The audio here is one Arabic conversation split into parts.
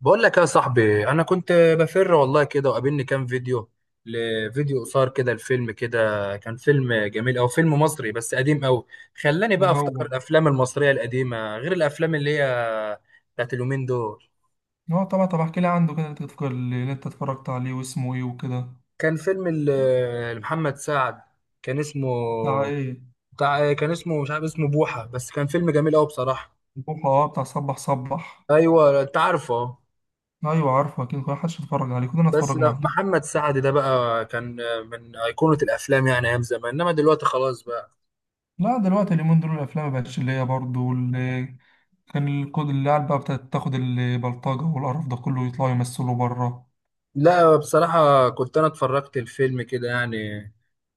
بقول لك يا صاحبي، انا كنت بفر والله كده، وقابلني كام فيديو لفيديو قصار كده. الفيلم كده كان فيلم جميل، او فيلم مصري بس قديم قوي. خلاني إيه؟ بقى افتكر هو الافلام المصريه القديمه غير الافلام اللي هي بتاعت اليومين دول. هو طبعا. طب احكي لي عنده كده، انت تفكر اللي انت اتفرجت عليه واسمه ايه وكده. كان فيلم لمحمد سعد. كان اسمه بتاع ايه؟ بتاع، كان اسمه مش عارف اسمه بوحه، بس كان فيلم جميل قوي بصراحه. البوحة، اه، بتاع صبح صبح. ايوه انت عارفه. ايوه عارفه، اكيد كل حدش اتفرج عليه، كلنا بس اتفرجنا ده عليه. محمد سعد ده بقى كان من ايقونه الافلام، يعني ايام زمان، انما دلوقتي خلاص بقى. لا دلوقتي اليومين دول الافلام ما بقتش اللي هي برضه اللي كان الكود اللي قاعد بقى بتاعت تاخد البلطجة والقرف ده كله يطلعوا يمثلوا بره. لا بصراحة كنت أنا اتفرجت الفيلم كده يعني،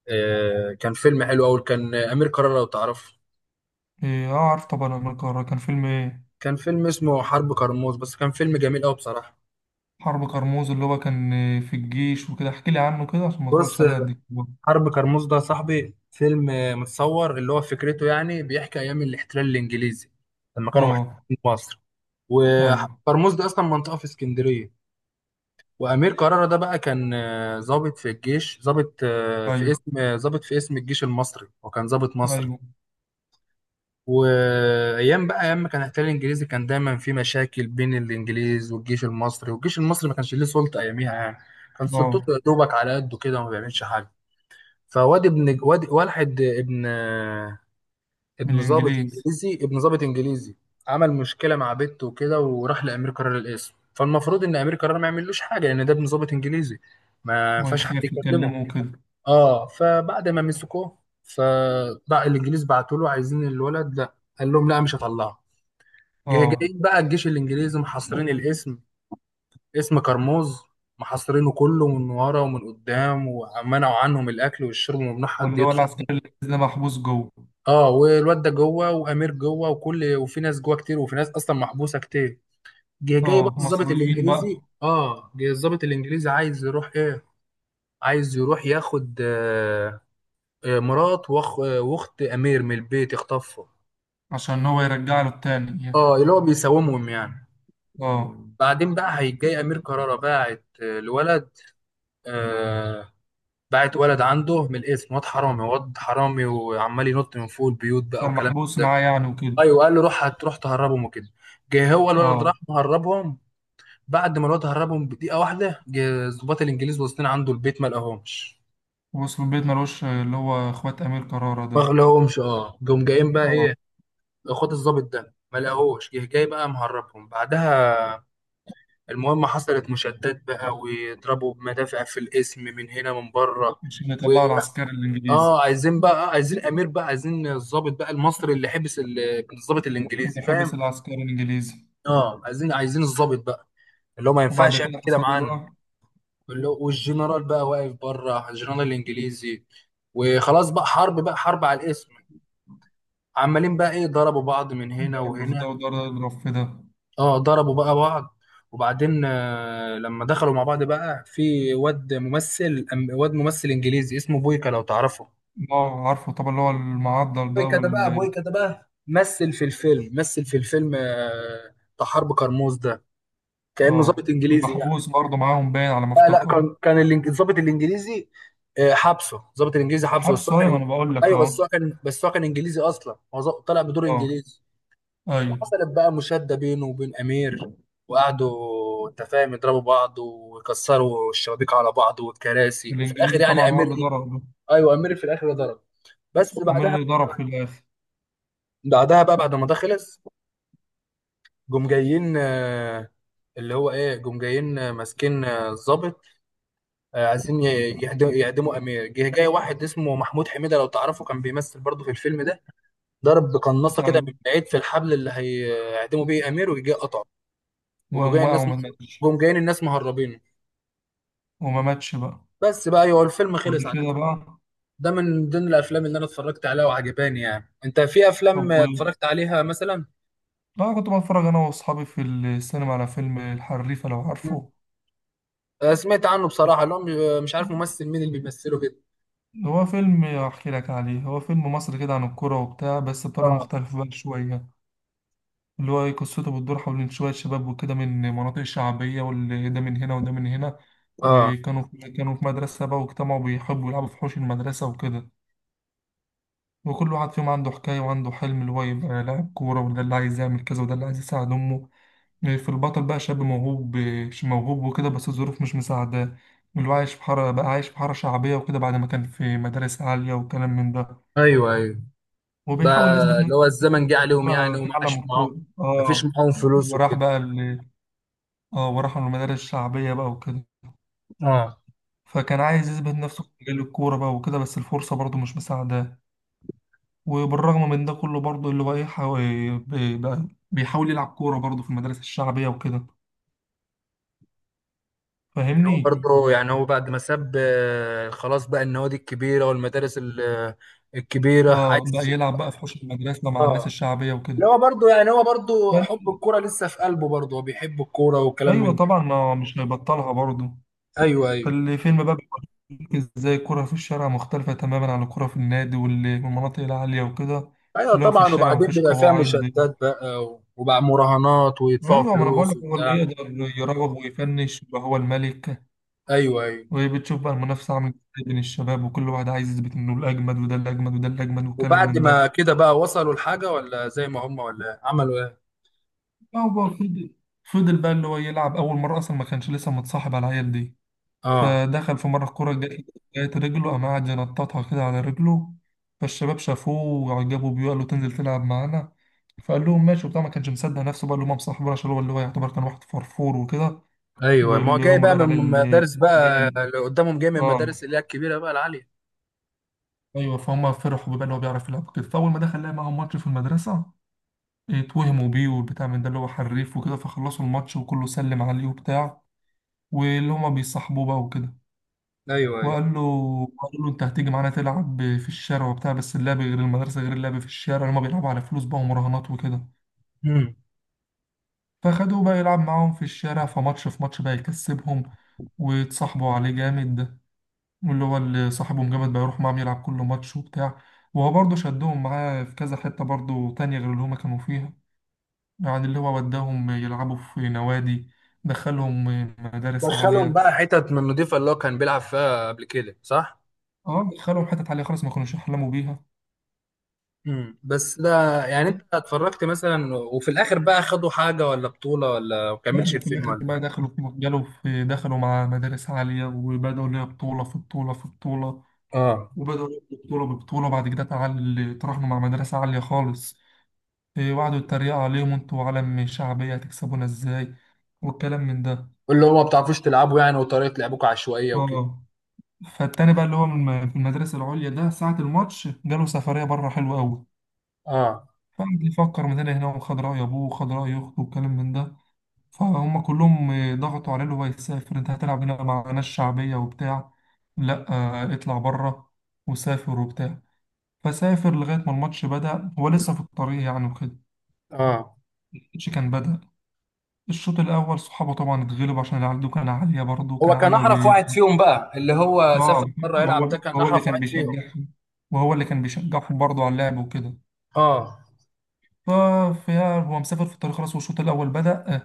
كان فيلم حلو أوي، كان أمير كرارة لو تعرفه. ايه اه، عارف طبعا أمير كرارة، كان فيلم ايه؟ كان فيلم اسمه حرب كرموز، بس كان فيلم جميل أوي بصراحة. حرب كرموز، اللي هو كان، في الجيش وكده. احكي لي عنه كده عشان ما بص، اتفرجش عليه قد كده. حرب كرموز ده يا صاحبي فيلم متصور اللي هو فكرته يعني، بيحكي أيام الاحتلال الإنجليزي لما كانوا اه. محتلين مصر. ايوه. وكرموز ده أصلا منطقة في اسكندرية. وأمير كرارة ده بقى كان ضابط في الجيش، ضابط في ايوه. اسم ضابط في اسم الجيش المصري، وكان ضابط مصري. ايوه. وايام بقى ايام ما كان الاحتلال الانجليزي، كان دايما في مشاكل بين الانجليز والجيش المصري، والجيش المصري ما كانش ليه سلطه اياميها يعني. كان سلطته اه. يا دوبك على قده كده، وما بيعملش حاجه. فواد ابن واد واحد ابن من ابن ضابط الإنجليز. انجليزي، ابن ضابط انجليزي عمل مشكله مع بنته وكده، وراح لامير قرار القسم. فالمفروض ان امير قرار ما يعملوش حاجه، لان ده ابن ضابط انجليزي ما ينفعش حد ويخاف يكلمه. يكلمه وكده. اه، فبعد ما مسكوه، فبقى الانجليز بعتوا له عايزين الولد، لا، قال لهم لا مش هطلعه. اه. جايين بقى الجيش الانجليزي، محاصرين الاسم، اسم كرموز، محاصرينه كله من ورا ومن قدام، ومنعوا عنهم الاكل والشرب، وممنوع حد واللي هو يدخل. العسكري الإنجليزي ده محبوس جوه؟ اه، والواد ده جوه، وامير جوه، وكل وفي ناس جوه كتير، وفي ناس اصلا محبوسه كتير. جه جاي بقى اه الضابط مصريين الانجليزي. بقى. اه، جه الضابط الانجليزي عايز يروح ايه، عايز يروح ياخد آه، مرات واخ واخت امير من البيت، يخطفها. عشان هو يرجع له التاني يعني. اه، اللي هو بيساومهم يعني. اه. بعدين بقى هيجي امير كرارة باعت الولد، آه، بعت ولد عنده من الاسم، واد حرامي، واد حرامي، وعمال ينط من فوق البيوت بقى كان وكلام. محبوس معاه يعني وكده. ايوه، قال له روح هتروح تهربهم وكده. جه هو اه. الولد راح مهربهم. بعد ما الولد هربهم بدقيقه واحده، جه الضباط الانجليز واصلين عنده البيت، ما لقاهمش، وصل البيت ملوش اللي هو اخوات امير كرارة ما ده. لقاهمش. اه جم جايين بقى اه. ايه، اخوات الضابط ده ما لقاهوش. جه جاي بقى مهربهم بعدها. المهم، حصلت مشادات بقى، ويضربوا بمدافع في الاسم من هنا من بره. عشان يطلعوا العسكري اه، الانجليزي. عايزين بقى، عايزين امير بقى، عايزين الضابط بقى المصري اللي حبس الضابط الانجليزي، اللي حبس فاهم؟ العسكري الانجليزي. اه، عايزين عايزين الضابط بقى، اللي هو ما وبعد ينفعش يعمل كده كده حصل له معانا. بقى؟ اللي هو والجنرال بقى واقف بره، الجنرال الانجليزي. وخلاص بقى حرب بقى، حرب على الاسم. عمالين بقى ايه، ضربوا بعض من هنا ضرب في ده وهنا. وضرب يضرب في ده. اه، ضربوا بقى بعض. وبعدين لما دخلوا مع بعض بقى، في واد ممثل واد ممثل انجليزي اسمه بويكا لو تعرفه. اه عارفه طبعا، اللي هو المعضل ده بويكا ده بقى، وال. بويكا ده بقى مثل في الفيلم، مثل في الفيلم بتاع حرب كرموز ده، كأنه ضابط اه، كان انجليزي يعني. محبوس برضه معاهم باين على ما لا لا، افتكر. كان كان الضابط الانجليزي حبسه، الضابط الانجليزي حبسه، بس حبس هو اهي، كان ما انا بقول لك ايوه، اهو. بس هو كان، بس هو كان انجليزي اصلا، هو طلع بدور اه. انجليزي. ايوه. وحصلت بقى مشادة بينه وبين امير. وقعدوا انت فاهم يضربوا بعض ويكسروا الشبابيك على بعض والكراسي، وفي الاخر الانجليزي يعني طبعا هو امير، اللي ضرب ده. ايوه امير في الاخر ضرب. بس كمان بعدها، اللي ضرب في الاخر. بعدها بقى بعد ما ده خلص، جم جايين اللي هو ايه، جم جايين ماسكين الضابط، عايزين يعدموا امير. جه جاي واحد اسمه محمود حميده لو تعرفه، كان بيمثل برضه في الفيلم ده. ضرب بقناصه بتاع. كده من بعيد في الحبل اللي هيعدموا بيه امير، وجه جاي قطعه. وجم وقام جايين واقع الناس، وما ماتش. جم جايين الناس مهربين. وما ماتش بقى. بس بقى ايوه، الفيلم بعد خلص على كده كده. بقى؟ ده من ضمن الافلام اللي انا اتفرجت عليها وعجباني. يعني انت في طب افلام اتفرجت عليها مثلا؟ لا كنت بتفرج انا واصحابي في السينما على فيلم الحريفه، لو مم. عارفه. سمعت عنه بصراحه، اللي هو مش مش عارف ممثل مين اللي بيمثله كده. هو فيلم احكي لك عليه، هو فيلم مصري كده عن الكوره وبتاع، بس بطريقه اه، مختلفه بقى شويه. اللي هو قصته بتدور حول شوية شباب وكده، من مناطق شعبية، واللي ده من هنا وده من هنا. اه. وكانوا في مدرسة بقى، واجتمعوا بيحبوا يلعبوا في حوش المدرسة وكده. وكل واحد فيهم عنده حكاية وعنده حلم، اللي هو يبقى لاعب كورة، وده اللي عايز يعمل كذا، وده اللي عايز يساعد أمه. في البطل بقى شاب موهوب مش موهوب وكده، بس الظروف مش مساعداه. اللي هو عايش في حارة بقى، عايش في حارة شعبية وكده، بعد ما كان في مدارس عالية وكلام من ده. ايوه ايوه. بقى وبيحاول يثبت اللي نفسه هو الزمن جه عليهم يعني بقى في وما عالم عاش معاهم، الكورة. ما فيش اه، معاهم فلوس وراح وكده. بقى ال- اه وراح من المدارس الشعبية بقى وكده. اه، فكان عايز يثبت نفسه في مجال الكورة بقى وكده، بس الفرصة برضه مش مساعداه. وبالرغم من ده كله برضه اللي هو ايه، بقى بيحاول يلعب كورة برضه في المدارس الشعبية وكده. يعني هو فاهمني؟ برضه، يعني هو بعد ما ساب خلاص بقى النوادي الكبيرة والمدارس الكبيرة اه بقى عايز. يلعب بقى في حوش المدرسة مع الناس اه، الشعبية وكده. اللي هو برضه يعني، هو برضه حب فال- الكورة لسه في قلبه، برضه هو بيحب الكورة وكلام ايوه من. طبعا، ما مش هيبطلها برضه. ايوه ايوه. فالفيلم بقى بيوريك ازاي الكورة في الشارع مختلفة تماما عن الكورة في النادي واللي في المناطق العالية وكده. ايوه اللي هو في طبعا، الشارع وبعدين مفيش بيبقى فيها قواعد. مشادات بقى وبقى مراهنات ويدفعوا ايوه، ما انا بقول فلوس لك هو اللي وبتاع. يقدر يراوغ ويفنش يبقى هو الملك. ايوه ايوه. وبتشوف بقى المنافسه عامله ازاي بين الشباب، وكل واحد عايز يثبت انه الاجمد وده الاجمد وده الاجمد والكلام وبعد من ما ده. كده بقى، وصلوا لحاجة ولا زي ما هم ولا عملوا ايه؟ هو بقى فضل بقى اللي هو يلعب اول مره، اصلا ما كانش لسه متصاحب على العيال دي. اه، فدخل في مره الكوره جت رجله، قام قاعد ينططها كده على رجله. فالشباب شافوه وعجبوا بيه وقالوا تنزل تلعب معانا. فقال لهم ماشي وبتاع، ما كانش مصدق نفسه بقى اللي هم مصاحبينه، عشان هو اللي هو يعتبر كان واحد فرفور وكده. ايوه، ما هو واللي جاي هم بقى بقى من عليه مدارس الشعبيه بقى اللي اللي قدامهم، جاي من اه، المدارس اللي هي الكبيره بقى العاليه. ايوه فهم فرحوا بقى اللي هو بيعرف يلعب كده، فاول ما دخل لعب معاهم ماتش في المدرسه، اتوهموا بيه والبتاع من ده اللي هو حريف وكده، فخلصوا الماتش وكله سلم عليه وبتاع. واللي هما بيصاحبوه بقى وكده. ايوه ايوه. وقال له انت هتيجي معانا تلعب في الشارع وبتاع، بس اللعب غير المدرسه غير اللعب في الشارع، هما بيلعبوا على فلوس بقى ومراهنات وكده. امم. فخدوه بقى يلعب معاهم في الشارع، فماتش في ماتش بقى يكسبهم، واتصاحبوا عليه جامد. واللي هو اللي صاحبه مجمد بقى يروح معاهم يلعب كل ماتش وبتاع. وهو برضه شدهم معاه في كذا حتة برضه تانية غير اللي هما كانوا فيها. يعني اللي هو وداهم يلعبوا في نوادي، دخلهم مدارس دخلهم عالية. بقى حتت من النضيفه اللي هو كان بيلعب فيها قبل كده، صح؟ اه دخلهم حتت عالية خالص ما كانوش يحلموا بيها. امم. بس ده يعني و- انت اتفرجت مثلا، وفي الاخر بقى خدوا حاجه ولا بطوله، ولا ما لا، كملش ده في الفيلم الآخر ولا؟ بقى دخلوا في جالوا في دخلوا مع مدارس عالية، وبدأوا اللي هي بطولة في بطولة في بطولة. اه، وبدأوا ياخدوا بطولة ببطولة، بعد كده تعال تراهنوا مع مدرسة عالية خالص. وقعدوا يتريقوا عليهم: انتوا علم شعبية هتكسبونا ازاي؟ والكلام من ده. اللي هو ما بتعرفوش تلعبوا يعني، وطريقه لعبكم عشوائيه وكده. اه. فالتاني بقى اللي هو في المدرسة العليا ده، ساعة الماتش جاله سفرية بره حلوة أوي. اه، فقعد يفكر من هنا هنا، وخد رأي أبوه وخد رأي أخته والكلام من ده. فهم كلهم، ضغطوا عليه اللي هو يسافر، أنت هتلعب هنا مع ناس شعبية وبتاع، لأ، اطلع بره. وسافر وبتاع. فسافر لغاية ما الماتش بدأ هو لسه في الطريق يعني وكده. اه. الماتش كان بدأ، الشوط الأول صحابه طبعا اتغلبوا عشان العدو كان عالية برضه، هو كان كان عالية احرف واحد فيهم بقى، اللي هو سافر اه. بره وهو يلعب ده كان هو اللي احرف كان واحد فيهم. بيشجعهم، وهو اللي كان بيشجعهم برضه على اللعب وكده. اه، ففي، هو مسافر في الطريق خلاص والشوط الأول بدأ.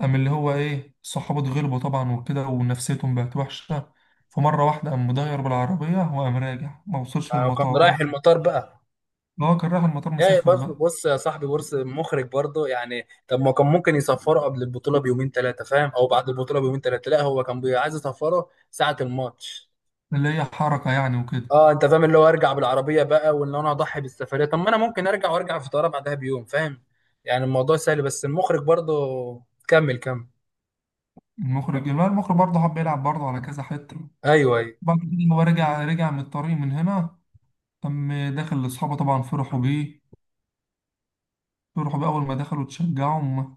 قام اللي هو إيه، صحابه اتغلبوا طبعا وكده ونفسيتهم بقت وحشة. فمرة واحدة قام مدير بالعربية وقام راجع، ما وصلش يعني كان رايح المطار. المطار بقى. هو كان رايح المطار، يعني مسافر برضه بقى. بص يا صاحبي، بص، مخرج برضه يعني. طب ما كان ممكن يصفره قبل البطوله بيومين ثلاثه فاهم، او بعد البطوله بيومين ثلاثه، لا هو كان عايز يصفره ساعه الماتش. اللي هي حركة يعني وكده. اه انت فاهم، اللي هو ارجع بالعربيه بقى، وان انا اضحي بالسفريه؟ طب ما انا ممكن ارجع، وارجع في طياره بعدها بيوم فاهم. يعني الموضوع سهل، بس المخرج برضه. كمل كمل. المخرج برضه حب يلعب برضه على كذا حتة. ايوه ايوه. بعد كده هو رجع، من الطريق من هنا، تم دخل لأصحابه طبعا فرحوا بيه أول ما دخلوا اتشجعوا هما،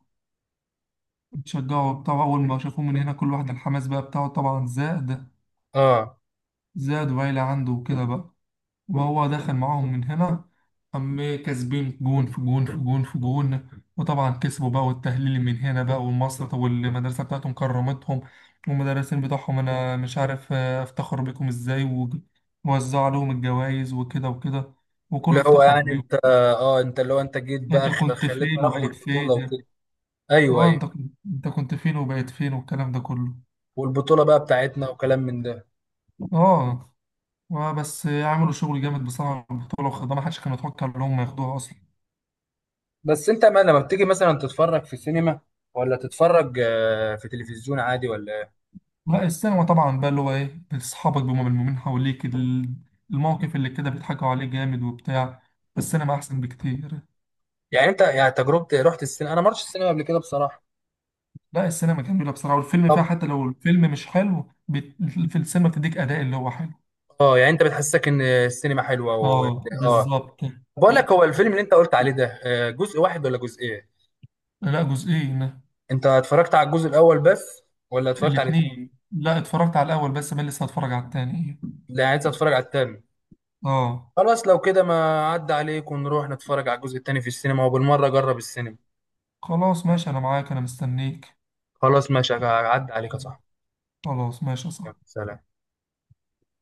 اتشجعوا بتاع. أول ما شافوه من هنا كل واحد الحماس بقى بتاعه طبعا زاد، اه، زاد وعيلة عنده وكده بقى. وهو دخل معاهم من هنا. أم، كاسبين جون في جون في جون في جون. وطبعا كسبوا بقى، والتهليل من هنا بقى، والمصر والمدرسة بتاعتهم كرمتهم. والمدرسين بتوعهم: أنا مش عارف أفتخر بيكم إزاي. ووزعوا لهم الجوائز وكده وكده، وكله اللي هو افتخر يعني بيهم. انت، اه انت، اللي هو انت جيت أنت بقى كنت خليتنا فين ناخد وبقيت البطوله فين؟ وكده. ايوه اه، ايوه. انت كنت فين وبقيت فين والكلام ده كله. والبطوله بقى بتاعتنا وكلام من ده. اه. بس عملوا شغل جامد بصراحه في البطوله، واخدها ما حدش كان يتوقع ان هم ياخدوها اصلا. بس انت ما لما بتيجي مثلا تتفرج في السينما، ولا تتفرج في تلفزيون عادي ولا؟ لا السينما طبعا بقى اللي هو ايه، اصحابك بيبقوا ملمومين حواليك الموقف اللي كده بيضحكوا عليه جامد وبتاع. السينما احسن بكتير. يعني انت يعني تجربة، رحت السينما؟ انا ما رحتش السينما قبل كده بصراحة. لا السينما جميله بصراحه، والفيلم فيها طب. حتى لو الفيلم مش حلو في السينما بتديك اداء اللي هو حلو. اه، يعني انت بتحسسك ان السينما حلوة و. اه اه. بالظبط. بقول لك، هو الفيلم اللي انت قلت عليه ده جزء واحد ولا جزئين؟ لا جزئين. انت اتفرجت على الجزء الاول بس، ولا اتفرجت على الاثنين؟ الاتنين؟ لا، اتفرجت على الاول بس، بل لسه هتفرج على التاني. لا يعني عايز اتفرج على الثاني. اه خلاص لو كده، ما عدى عليك ونروح نتفرج على الجزء الثاني في السينما، وبالمرة جرب السينما. خلاص ماشي، أنا معاك، أنا مستنيك. خلاص ماشي، عدى عليك يا صاحبي. خلاص ماشي، يلا، صح. سلام.